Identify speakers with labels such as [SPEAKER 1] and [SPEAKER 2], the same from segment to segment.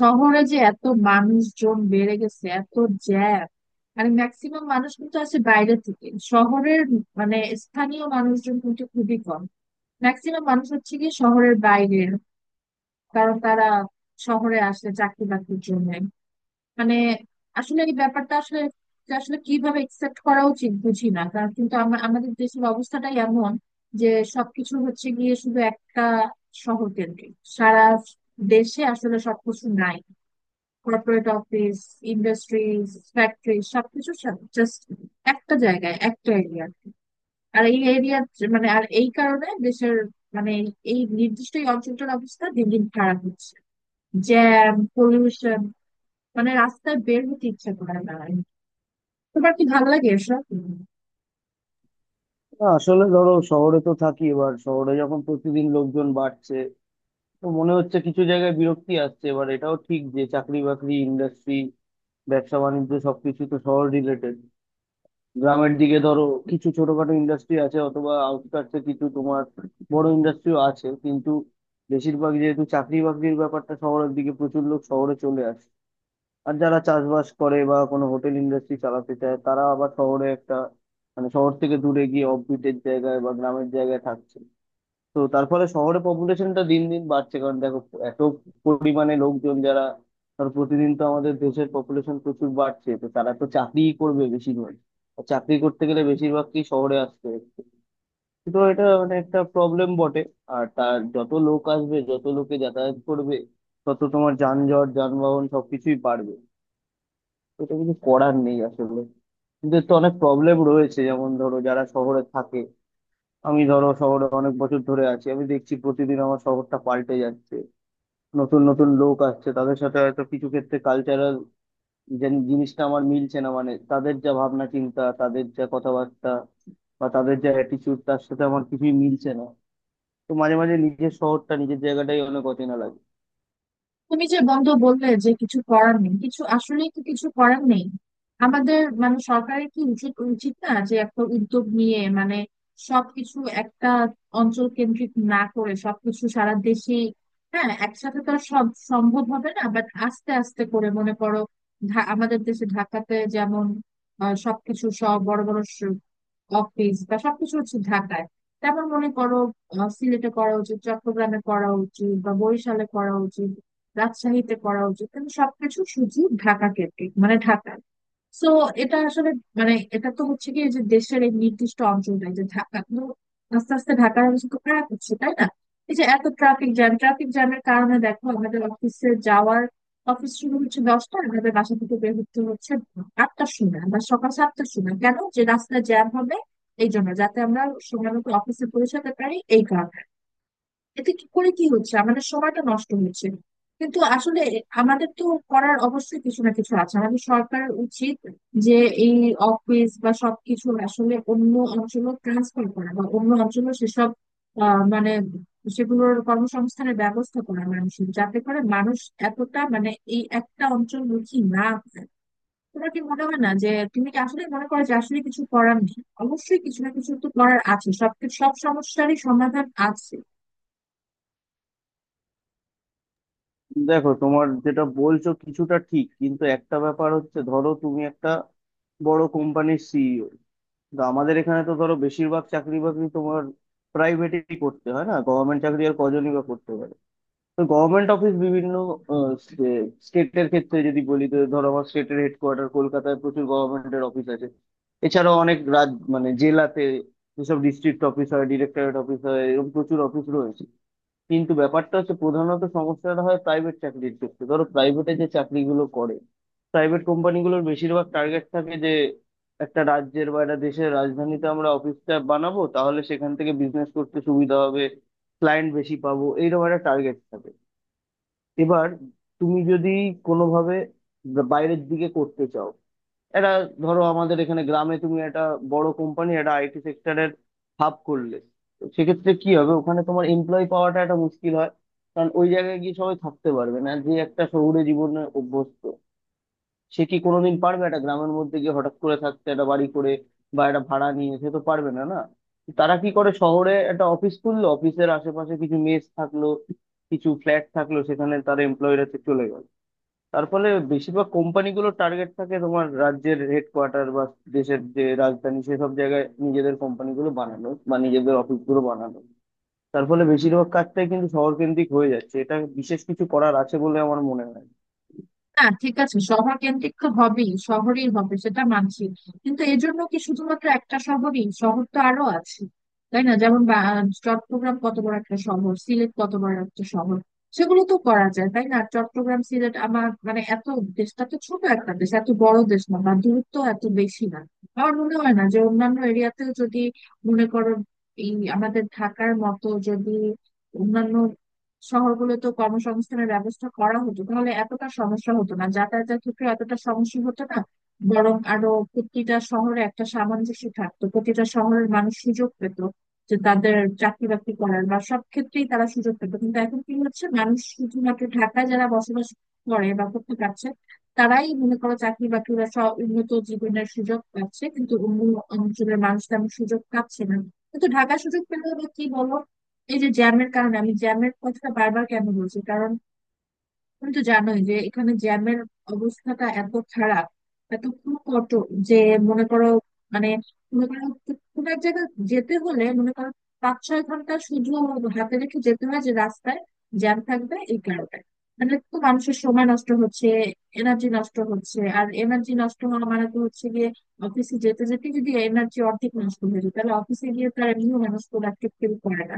[SPEAKER 1] শহরে যে এত মানুষজন বেড়ে গেছে, এত জ্যাম। মানে ম্যাক্সিমাম মানুষ কিন্তু আসে বাইরে থেকে শহরের, মানে স্থানীয় মানুষজন কিন্তু খুবই কম। ম্যাক্সিমাম মানুষ হচ্ছে কি শহরের বাইরের, কারণ তারা শহরে আসে চাকরি বাকরির জন্য। মানে আসলে এই ব্যাপারটা আসলে আসলে কিভাবে একসেপ্ট করা উচিত বুঝি না, কারণ কিন্তু আমাদের দেশের অবস্থাটাই এমন যে সবকিছু হচ্ছে গিয়ে শুধু একটা শহর কেন্দ্রিক। সারা দেশে আসলে সবকিছু নাই। কর্পোরেট অফিস, ইন্ডাস্ট্রিজ, ফ্যাক্টরি সবকিছু জাস্ট একটা জায়গায়, একটা এরিয়া। আর এই এরিয়া, মানে আর এই কারণে দেশের মানে এই নির্দিষ্ট এই অঞ্চলটার অবস্থা দিন দিন খারাপ হচ্ছে। জ্যাম, পলিউশন, মানে রাস্তায় বের হতে ইচ্ছে করে না। তোমার কি ভালো লাগে এসব?
[SPEAKER 2] না, আসলে ধরো শহরে তো থাকি। এবার শহরে যখন প্রতিদিন লোকজন বাড়ছে, তো মনে হচ্ছে কিছু জায়গায় বিরক্তি আসছে। এবার এটাও ঠিক যে চাকরি বাকরি, ইন্ডাস্ট্রি, ব্যবসা বাণিজ্য সবকিছু তো শহর রিলেটেড। গ্রামের দিকে ধরো কিছু ছোটখাটো ইন্ডাস্ট্রি আছে, অথবা আউটস্কার্টসে কিছু তোমার বড় ইন্ডাস্ট্রিও আছে, কিন্তু বেশিরভাগ যেহেতু চাকরি বাকরির ব্যাপারটা শহরের দিকে, প্রচুর লোক শহরে চলে আসে। আর যারা চাষবাস করে বা কোনো হোটেল ইন্ডাস্ট্রি চালাতে চায়, তারা আবার শহরে একটা মানে শহর থেকে দূরে গিয়ে অফবিটের জায়গায় বা গ্রামের জায়গায় থাকছে। তো তার ফলে শহরে পপুলেশনটা দিন দিন বাড়ছে। কারণ দেখো, এত পরিমাণে লোকজন যারা, ধর প্রতিদিন তো আমাদের দেশের পপুলেশন প্রচুর বাড়ছে, তো তারা তো চাকরিই করবে বেশিরভাগ, আর চাকরি করতে গেলে বেশিরভাগকেই শহরে আসতে হচ্ছে। তো এটা মানে একটা প্রবলেম বটে। আর তার যত লোক আসবে, যত লোকে যাতায়াত করবে, তত তোমার যানজট, যানবাহন সবকিছুই বাড়বে। এটা কিছু করার নেই আসলে। এদের তো অনেক প্রবলেম রয়েছে। যেমন ধরো, যারা শহরে থাকে, আমি ধরো শহরে অনেক বছর ধরে আছি, আমি দেখছি প্রতিদিন আমার শহরটা পাল্টে যাচ্ছে। নতুন নতুন লোক আসছে, তাদের সাথে হয়তো কিছু ক্ষেত্রে কালচারাল যে জিনিসটা আমার মিলছে না, মানে তাদের যা ভাবনা চিন্তা, তাদের যা কথাবার্তা বা তাদের যা অ্যাটিচিউড, তার সাথে আমার কিছুই মিলছে না। তো মাঝে মাঝে নিজের শহরটা, নিজের জায়গাটাই অনেক অচেনা লাগে।
[SPEAKER 1] তুমি যে বন্ধ বললে যে কিছু করার নেই, কিছু আসলে তো কিছু করার নেই আমাদের মানে সরকারের কি উচিত উচিত না যে একটা উদ্যোগ নিয়ে, মানে সবকিছু একটা অঞ্চল কেন্দ্রিক না করে সবকিছু সারা দেশে। হ্যাঁ, একসাথে তো আর সব সম্ভব হবে না, বাট আস্তে আস্তে করে, মনে করো আমাদের দেশে ঢাকাতে যেমন সবকিছু, সব বড় বড় অফিস বা সবকিছু হচ্ছে ঢাকায়। তারপর মনে করো সিলেটে করা উচিত, চট্টগ্রামে করা উচিত, বা বরিশালে করা উচিত, রাজশাহীতে করা উচিত, কিন্তু সবকিছু শুধু ঢাকা কেন্দ্রিক মানে ঢাকা। সো এটা আসলে মানে এটা তো হচ্ছে কি যে দেশের এই নির্দিষ্ট অঞ্চলটাই যে ঢাকা, কিন্তু আস্তে আস্তে ঢাকার অবস্থা তো খারাপ হচ্ছে, তাই না? এই যে এত ট্রাফিক জ্যাম, ট্রাফিক জ্যামের কারণে দেখো আমাদের অফিসে যাওয়ার, অফিস শুরু হচ্ছে 10টা, আমাদের বাসা থেকে বের হতে হচ্ছে 8টার সময় বা সকাল 7টার সময়। কেন যে রাস্তায় জ্যাম হবে এই জন্য যাতে আমরা সময় মতো অফিসে পৌঁছাতে পারি এই কারণ। এতে কি করে কি হচ্ছে, আমাদের সময়টা নষ্ট হচ্ছে। কিন্তু আসলে আমাদের তো করার অবশ্যই কিছু না কিছু আছে, আমাদের সরকারের উচিত যে এই অফিস বা সবকিছু আসলে অন্য অঞ্চলে ট্রান্সফার করা বা অন্য অঞ্চলে সেসব মানে সেগুলোর কর্মসংস্থানের ব্যবস্থা করা মানুষের, যাতে করে মানুষ এতটা মানে এই একটা অঞ্চলমুখী না হয়। তোমার কি মনে হয় না, যে তুমি কি আসলে মনে করো যে আসলে কিছু করার নেই? অবশ্যই কিছু না কিছু তো করার আছে, সব সব সমস্যারই সমাধান আছে।
[SPEAKER 2] দেখো তোমার যেটা বলছো কিছুটা ঠিক, কিন্তু একটা ব্যাপার হচ্ছে, ধরো তুমি একটা বড় কোম্পানির সিইও, কিন্তু আমাদের এখানে তো ধরো বেশিরভাগ চাকরি বাকরি তোমার প্রাইভেটই করতে হয়। না গভর্নমেন্ট চাকরি আর কজনই বা করতে পারে। তো গভর্নমেন্ট অফিস বিভিন্ন স্টেটের ক্ষেত্রে যদি বলি, তো ধরো আমার স্টেটের হেডকোয়ার্টার কলকাতায় প্রচুর গভর্নমেন্টের অফিস আছে। এছাড়াও অনেক রাজ মানে জেলাতে যেসব ডিস্ট্রিক্ট অফিস হয়, ডিরেক্টরেট অফিস হয়, এরকম প্রচুর অফিস রয়েছে। কিন্তু ব্যাপারটা হচ্ছে, প্রধানত সমস্যাটা হয় প্রাইভেট চাকরির ক্ষেত্রে। ধরো প্রাইভেটে যে চাকরিগুলো করে, প্রাইভেট কোম্পানিগুলোর বেশিরভাগ টার্গেট থাকে যে একটা রাজ্যের বা একটা দেশের রাজধানীতে আমরা অফিসটা বানাবো, তাহলে সেখান থেকে বিজনেস করতে সুবিধা হবে, ক্লায়েন্ট বেশি পাবো, এইরকম একটা টার্গেট থাকে। এবার তুমি যদি কোনোভাবে বাইরের দিকে করতে চাও, এটা ধরো আমাদের এখানে গ্রামে তুমি একটা বড় কোম্পানি, একটা আইটি সেক্টরের হাব করলে, তো সেক্ষেত্রে কি হবে, ওখানে তোমার এমপ্লয় পাওয়াটা একটা মুশকিল হয়। কারণ ওই জায়গায় গিয়ে সবাই থাকতে পারবে না। যে একটা শহুরে জীবনে অভ্যস্ত, সে কি কোনোদিন পারবে একটা গ্রামের মধ্যে গিয়ে হঠাৎ করে থাকতে, একটা বাড়ি করে বা একটা ভাড়া নিয়ে? সে তো পারবে না, না। তারা কি করে, শহরে একটা অফিস খুললো, অফিসের আশেপাশে কিছু মেস থাকলো, কিছু ফ্ল্যাট থাকলো, সেখানে তার এমপ্লয়িরা চলে গেল। তার ফলে বেশিরভাগ কোম্পানিগুলোর টার্গেট থাকে তোমার রাজ্যের হেডকোয়ার্টার বা দেশের যে রাজধানী, সেসব জায়গায় নিজেদের কোম্পানিগুলো বানানো বা নিজেদের অফিসগুলো বানানো। তার ফলে বেশিরভাগ কাজটাই কিন্তু শহরকেন্দ্রিক হয়ে যাচ্ছে। এটা বিশেষ কিছু করার আছে বলে আমার মনে হয় না।
[SPEAKER 1] না ঠিক আছে, শহর কেন্দ্রিক তো হবেই, শহরেই হবে সেটা মানছি, কিন্তু এর জন্য কি শুধুমাত্র একটা শহরই? শহর তো আরো আছে তাই না, যেমন চট্টগ্রাম কত বড় একটা শহর, সিলেট কত বড় একটা শহর, সেগুলো তো করা যায় তাই না? চট্টগ্রাম, সিলেট আমার মানে এত দেশটা তো ছোট একটা দেশ, এত বড় দেশ না বা দূরত্ব এত বেশি না। আমার মনে হয় না যে অন্যান্য এরিয়াতেও যদি, মনে করো এই আমাদের ঢাকার মতো যদি অন্যান্য শহরগুলোতে কর্মসংস্থানের ব্যবস্থা করা হতো তাহলে এতটা সমস্যা হতো না, যাতায়াতের ক্ষেত্রে এতটা সমস্যা হতো না, বরং আরো প্রতিটা শহরে একটা সামঞ্জস্য থাকতো, প্রতিটা শহরের মানুষ সুযোগ পেত যে তাদের চাকরি বাকরি করার বা সব ক্ষেত্রেই তারা সুযোগ পেত। কিন্তু এখন কি হচ্ছে, মানুষ শুধুমাত্র ঢাকায় যারা বসবাস করে বা করতে পারছে তারাই মনে করো চাকরি বাকরি বা সব উন্নত জীবনের সুযোগ পাচ্ছে, কিন্তু অন্য অঞ্চলের মানুষ তেমন সুযোগ পাচ্ছে না। কিন্তু ঢাকা সুযোগ পেলেও বা কি বলো, এই যে জ্যামের কারণে, আমি জ্যামের কথা বারবার কেন বলছি, কারণ তুমি তো জানোই যে এখানে জ্যামের অবস্থাটা এত খারাপ, এত কঠোর যে মনে করো মানে মনে করো কোনো এক জায়গায় যেতে হলে মনে করো 5-6 ঘন্টা শুধু হাতে রেখে যেতে হয় যে রাস্তায় জ্যাম থাকবে এই কারণে। মানে তো মানুষের সময় নষ্ট হচ্ছে, এনার্জি নষ্ট হচ্ছে। আর এনার্জি নষ্ট হওয়া মানে তো হচ্ছে গিয়ে, অফিসে যেতে যেতে যদি এনার্জি অর্ধেক নষ্ট হয়ে যায় তাহলে অফিসে গিয়ে তার এমনিও মানুষ প্রোডাক্টিভ ফিল করে না।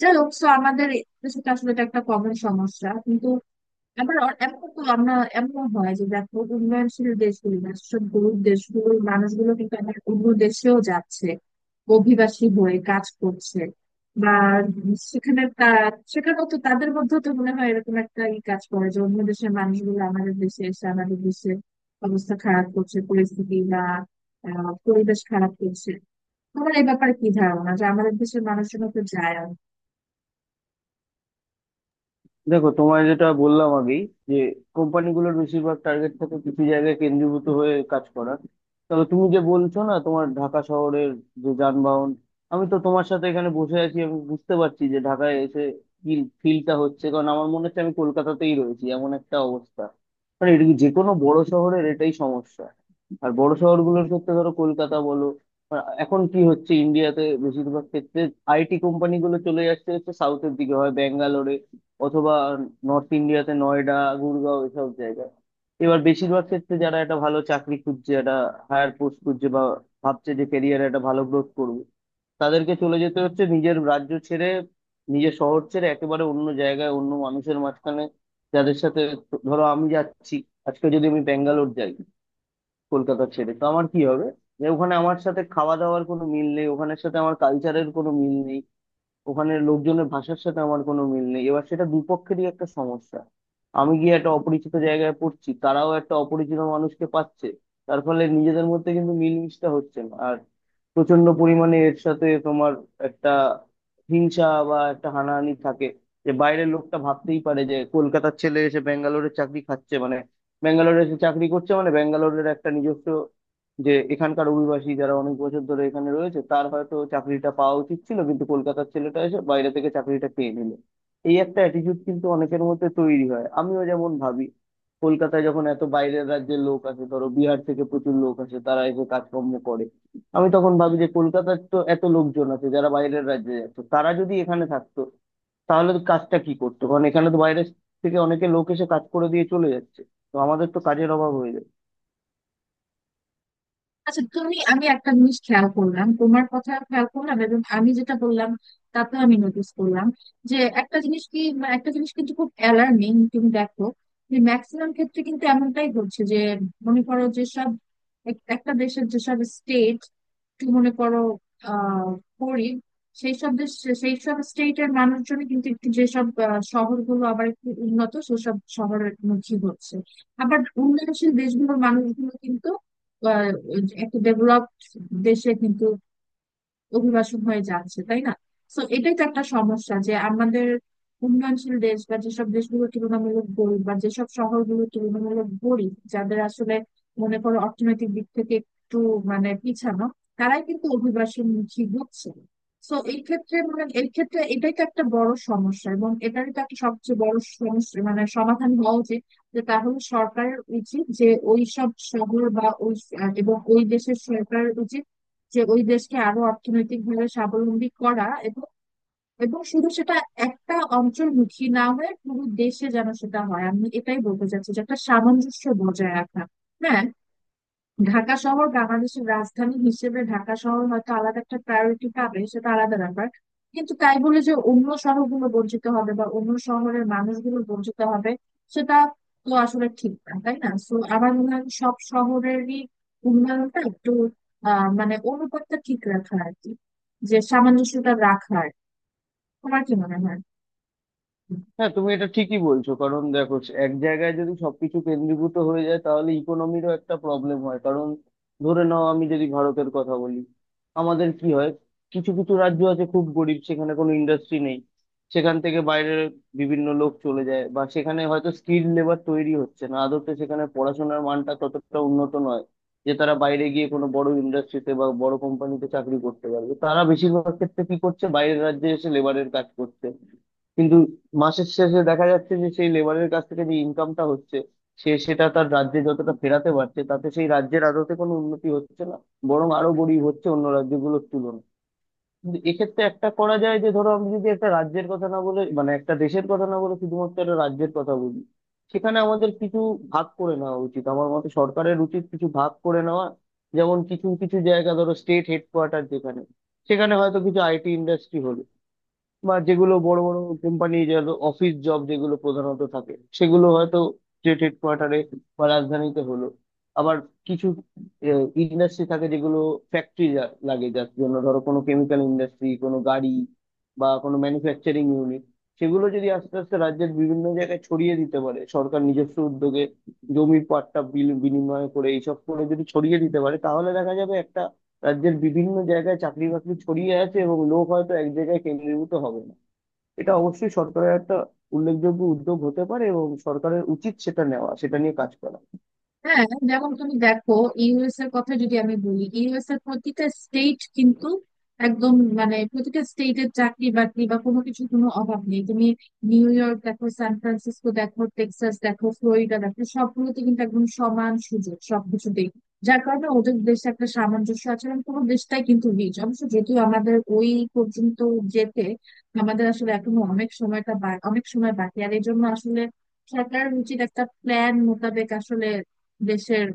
[SPEAKER 1] যাই হোক, so আমাদের দেশে তো আসলে এটা একটা কমন সমস্যা। আবার এখন তো আমরা এমন হয় যে দেখো উন্নয়নশীল দেশগুলি বা সেসব গরিব দেশগুলোর মানুষগুলো কিন্তু আবার অন্য দেশেও যাচ্ছে, অভিবাসী হয়ে কাজ করছে বা সেখানে তা সেখানেও তো তাদের মধ্যেও তো মনে হয় এরকম একটা ই কাজ করে যে অন্য দেশের মানুষগুলো আমাদের দেশে এসে আমাদের দেশের অবস্থা খারাপ করছে, পরিস্থিতি বা পরিবেশ খারাপ করছে। তোমার এই ব্যাপারে কি ধারণা যে আমাদের দেশের মানুষজন তো যায়?
[SPEAKER 2] দেখো, তোমায় যেটা বললাম আগেই, যে কোম্পানিগুলোর বেশিরভাগ টার্গেট থাকে কিছু জায়গায় কেন্দ্রীভূত হয়ে কাজ করা। তবে তুমি যে বলছো না তোমার ঢাকা শহরের যে যানবাহন, আমি তো তোমার সাথে এখানে বসে আছি, আমি বুঝতে পারছি যে ঢাকায় এসে কি ফিলটা হচ্ছে, কারণ আমার মনে হচ্ছে আমি কলকাতাতেই রয়েছি, এমন একটা অবস্থা। মানে এটা কি, যে কোনো বড় শহরের এটাই সমস্যা। আর বড় শহরগুলোর ক্ষেত্রে ধরো কলকাতা বলো, আর এখন কি হচ্ছে ইন্ডিয়াতে বেশিরভাগ ক্ষেত্রে, আইটি কোম্পানিগুলো চলে যাচ্ছে, হচ্ছে সাউথের দিকে, হয় ব্যাঙ্গালোরে অথবা নর্থ ইন্ডিয়াতে নয়ডা, গুরগাঁও, এসব জায়গায়। এবার বেশিরভাগ ক্ষেত্রে যারা একটা ভালো চাকরি খুঁজছে, একটা হায়ার পোস্ট খুঁজছে, বা ভাবছে যে ক্যারিয়ারে একটা ভালো গ্রোথ করবে, তাদেরকে চলে যেতে হচ্ছে নিজের রাজ্য ছেড়ে, নিজের শহর ছেড়ে একেবারে অন্য জায়গায়, অন্য মানুষের মাঝখানে, যাদের সাথে ধরো আমি যাচ্ছি, আজকে যদি আমি ব্যাঙ্গালোর যাই কলকাতা ছেড়ে, তো আমার কি হবে, যে ওখানে আমার সাথে খাওয়া দাওয়ার কোনো মিল নেই, ওখানের সাথে আমার কালচারের কোনো মিল নেই, ওখানে লোকজনের ভাষার সাথে আমার কোনো মিল নেই। এবার সেটা দুপক্ষেরই একটা সমস্যা। আমি গিয়ে একটা অপরিচিত জায়গায় পড়ছি, তারাও একটা অপরিচিত মানুষকে পাচ্ছে। তার ফলে নিজেদের মধ্যে কিন্তু মিলমিশটা হচ্ছে না। আর প্রচন্ড পরিমাণে এর সাথে তোমার একটা হিংসা বা একটা হানাহানি থাকে। যে বাইরের লোকটা ভাবতেই পারে যে কলকাতার ছেলে এসে ব্যাঙ্গালোরে চাকরি খাচ্ছে, মানে ব্যাঙ্গালোরে এসে চাকরি করছে, মানে ব্যাঙ্গালোরের একটা নিজস্ব যে এখানকার অভিবাসী যারা অনেক বছর ধরে এখানে রয়েছে, তার হয়তো চাকরিটা পাওয়া উচিত ছিল, কিন্তু কলকাতার ছেলেটা এসে বাইরে থেকে চাকরিটা পেয়ে নিল। এই একটা অ্যাটিটিউড কিন্তু অনেকের মধ্যে তৈরি হয়। আমিও যেমন ভাবি, কলকাতায় যখন এত বাইরের রাজ্যের লোক আসে, ধরো বিহার থেকে প্রচুর লোক আসে, তারা এসে কাজকর্ম করে, আমি তখন ভাবি যে কলকাতার তো এত লোকজন আছে যারা বাইরের রাজ্যে যাচ্ছে, তারা যদি এখানে থাকতো তাহলে তো কাজটা কি করতো, কারণ এখানে তো বাইরে থেকে অনেকে লোক এসে কাজ করে দিয়ে চলে যাচ্ছে। তো আমাদের তো কাজের অভাব হয়ে যাচ্ছে।
[SPEAKER 1] আচ্ছা, তুমি আমি একটা জিনিস খেয়াল করলাম, তোমার কথা খেয়াল করলাম এবং আমি যেটা বললাম তাতে আমি নোটিস করলাম যে একটা জিনিস কি মানে একটা জিনিস কিন্তু খুব অ্যালার্মিং। তুমি দেখো যে ম্যাক্সিমাম ক্ষেত্রে কিন্তু এমনটাই হচ্ছে, যে মনে করো যে সব একটা দেশের যেসব স্টেট একটু মনে করো আহ গরিব, সেই সব দেশ, সেই সব স্টেটের মানুষজন কিন্তু একটু যেসব শহরগুলো আবার একটু উন্নত সেসব শহরের মুখী হচ্ছে। আবার উন্নয়নশীল দেশগুলোর মানুষগুলো কিন্তু আহ, একটা ডেভেলপড দেশে কিন্তু অভিবাসন হয়ে যাচ্ছে তাই না? তো এটাই তো একটা সমস্যা যে আমাদের উন্নয়নশীল দেশ বা যেসব দেশগুলো তুলনামূলক গরিব বা যেসব শহরগুলো তুলনামূলক গরিব, যাদের আসলে মনে করো অর্থনৈতিক দিক থেকে একটু মানে পিছানো, তারাই কিন্তু অভিবাসনমুখী হচ্ছে। তো এই ক্ষেত্রে মানে এই ক্ষেত্রে এটাই তো একটা বড় সমস্যা, এবং এটারই তো একটা সবচেয়ে বড় সমস্যা মানে সমাধান হওয়া উচিত। যে তাহলে সরকারের উচিত যে ওই সব শহর বা ওই এবং ওই দেশের সরকারের উচিত যে ওই দেশকে আরো অর্থনৈতিকভাবে স্বাবলম্বী করা, এবং এবং শুধু সেটা একটা অঞ্চলমুখী না হয়ে পুরো দেশে যেন সেটা হয়। আমি এটাই বলতে চাচ্ছি যে একটা সামঞ্জস্য বজায় রাখা। হ্যাঁ, ঢাকা শহর বাংলাদেশের রাজধানী হিসেবে ঢাকা শহর হয়তো আলাদা একটা প্রায়োরিটি পাবে, সেটা আলাদা ব্যাপার, কিন্তু তাই বলে যে অন্য শহরগুলো বঞ্চিত হবে বা অন্য শহরের মানুষগুলো বঞ্চিত হবে সেটা তো আসলে ঠিক না তাই না? তো আমার মনে হয় সব শহরেরই উন্নয়নটা একটু মানে অনুপাতটা ঠিক রাখা আর কি, যে সামঞ্জস্যটা রাখার। তোমার কি মনে হয়?
[SPEAKER 2] হ্যাঁ, তুমি এটা ঠিকই বলছো। কারণ দেখো, এক জায়গায় যদি সবকিছু কেন্দ্রীভূত হয়ে যায়, তাহলে ইকোনমিরও একটা প্রবলেম হয়। কারণ ধরে নাও, আমি যদি ভারতের কথা বলি, আমাদের কি হয়, কিছু কিছু রাজ্য আছে খুব গরিব, সেখানে কোনো ইন্ডাস্ট্রি নেই। সেখান থেকে বাইরে বিভিন্ন লোক চলে যায়, বা সেখানে হয়তো স্কিল লেবার তৈরি হচ্ছে না আদতে, সেখানে পড়াশোনার মানটা ততটা উন্নত নয় যে তারা বাইরে গিয়ে কোনো বড় ইন্ডাস্ট্রিতে বা বড় কোম্পানিতে চাকরি করতে পারবে। তারা বেশিরভাগ ক্ষেত্রে কি করছে, বাইরের রাজ্যে এসে লেবারের কাজ করছে। কিন্তু মাসের শেষে দেখা যাচ্ছে যে সেই লেবারের কাছ থেকে যে ইনকামটা হচ্ছে, সে সেটা তার রাজ্যে যতটা ফেরাতে পারছে, তাতে সেই রাজ্যের আদতে কোনো উন্নতি হচ্ছে না, বরং আরো গরিব হচ্ছে অন্য রাজ্যগুলোর তুলনায়। কিন্তু এক্ষেত্রে একটা করা যায়, যে ধরো আমি যদি একটা রাজ্যের কথা না বলে, মানে একটা দেশের কথা না বলে শুধুমাত্র একটা রাজ্যের কথা বলি, সেখানে আমাদের কিছু ভাগ করে নেওয়া উচিত। আমার মতে সরকারের উচিত কিছু ভাগ করে নেওয়া। যেমন কিছু কিছু জায়গা, ধরো স্টেট হেডকোয়ার্টার যেখানে, সেখানে হয়তো কিছু আইটি ইন্ডাস্ট্রি হলো, বা যেগুলো বড় বড় কোম্পানি যার অফিস জব যেগুলো প্রধানত থাকে, সেগুলো হয়তো স্টেট হেডকোয়ার্টারে বা রাজধানীতে হলো। আবার কিছু ইন্ডাস্ট্রি থাকে যেগুলো ফ্যাক্টরি লাগে, যার জন্য ধরো কোনো কেমিক্যাল ইন্ডাস্ট্রি, কোনো গাড়ি বা কোনো ম্যানুফ্যাকচারিং ইউনিট, সেগুলো যদি আস্তে আস্তে রাজ্যের বিভিন্ন জায়গায় ছড়িয়ে দিতে পারে সরকার নিজস্ব উদ্যোগে, জমির পাট্টা বিনিময় করে এইসব করে যদি ছড়িয়ে দিতে পারে, তাহলে দেখা যাবে একটা রাজ্যের বিভিন্ন জায়গায় চাকরি বাকরি ছড়িয়ে আছে, এবং লোক হয়তো এক জায়গায় কেন্দ্রীভূত হবে না। এটা অবশ্যই সরকারের একটা উল্লেখযোগ্য উদ্যোগ হতে পারে, এবং সরকারের উচিত সেটা নেওয়া, সেটা নিয়ে কাজ করা।
[SPEAKER 1] হ্যাঁ, যেমন তুমি দেখো, ইউএস এর কথা যদি আমি বলি, ইউএস এর প্রতিটা স্টেট কিন্তু একদম মানে প্রতিটা স্টেটের চাকরি বাকরি বা কোনো কিছু কোনো অভাব নেই। তুমি নিউ ইয়র্ক দেখো, সান ফ্রান্সিসকো দেখো, টেক্সাস দেখো, ফ্লোরিডা দেখো, সবগুলোতে কিন্তু একদম সমান সুযোগ সবকিছুতেই। যার কারণে ওদের দেশে একটা সামঞ্জস্য আছে এবং পুরো দেশটাই কিন্তু রিচ। অবশ্য যদিও আমাদের ওই পর্যন্ত যেতে আমাদের আসলে এখনো অনেক সময়টা অনেক সময় বাকি। আর এই জন্য আসলে সরকার উচিত একটা প্ল্যান মোতাবেক আসলে দেশের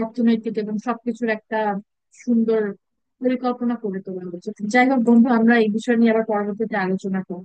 [SPEAKER 1] অর্থনৈতিক এবং সবকিছুর একটা সুন্দর পরিকল্পনা করে তোলা উচিত। যাই হোক বন্ধু, আমরা এই বিষয় নিয়ে আবার পরবর্তীতে আলোচনা করবো।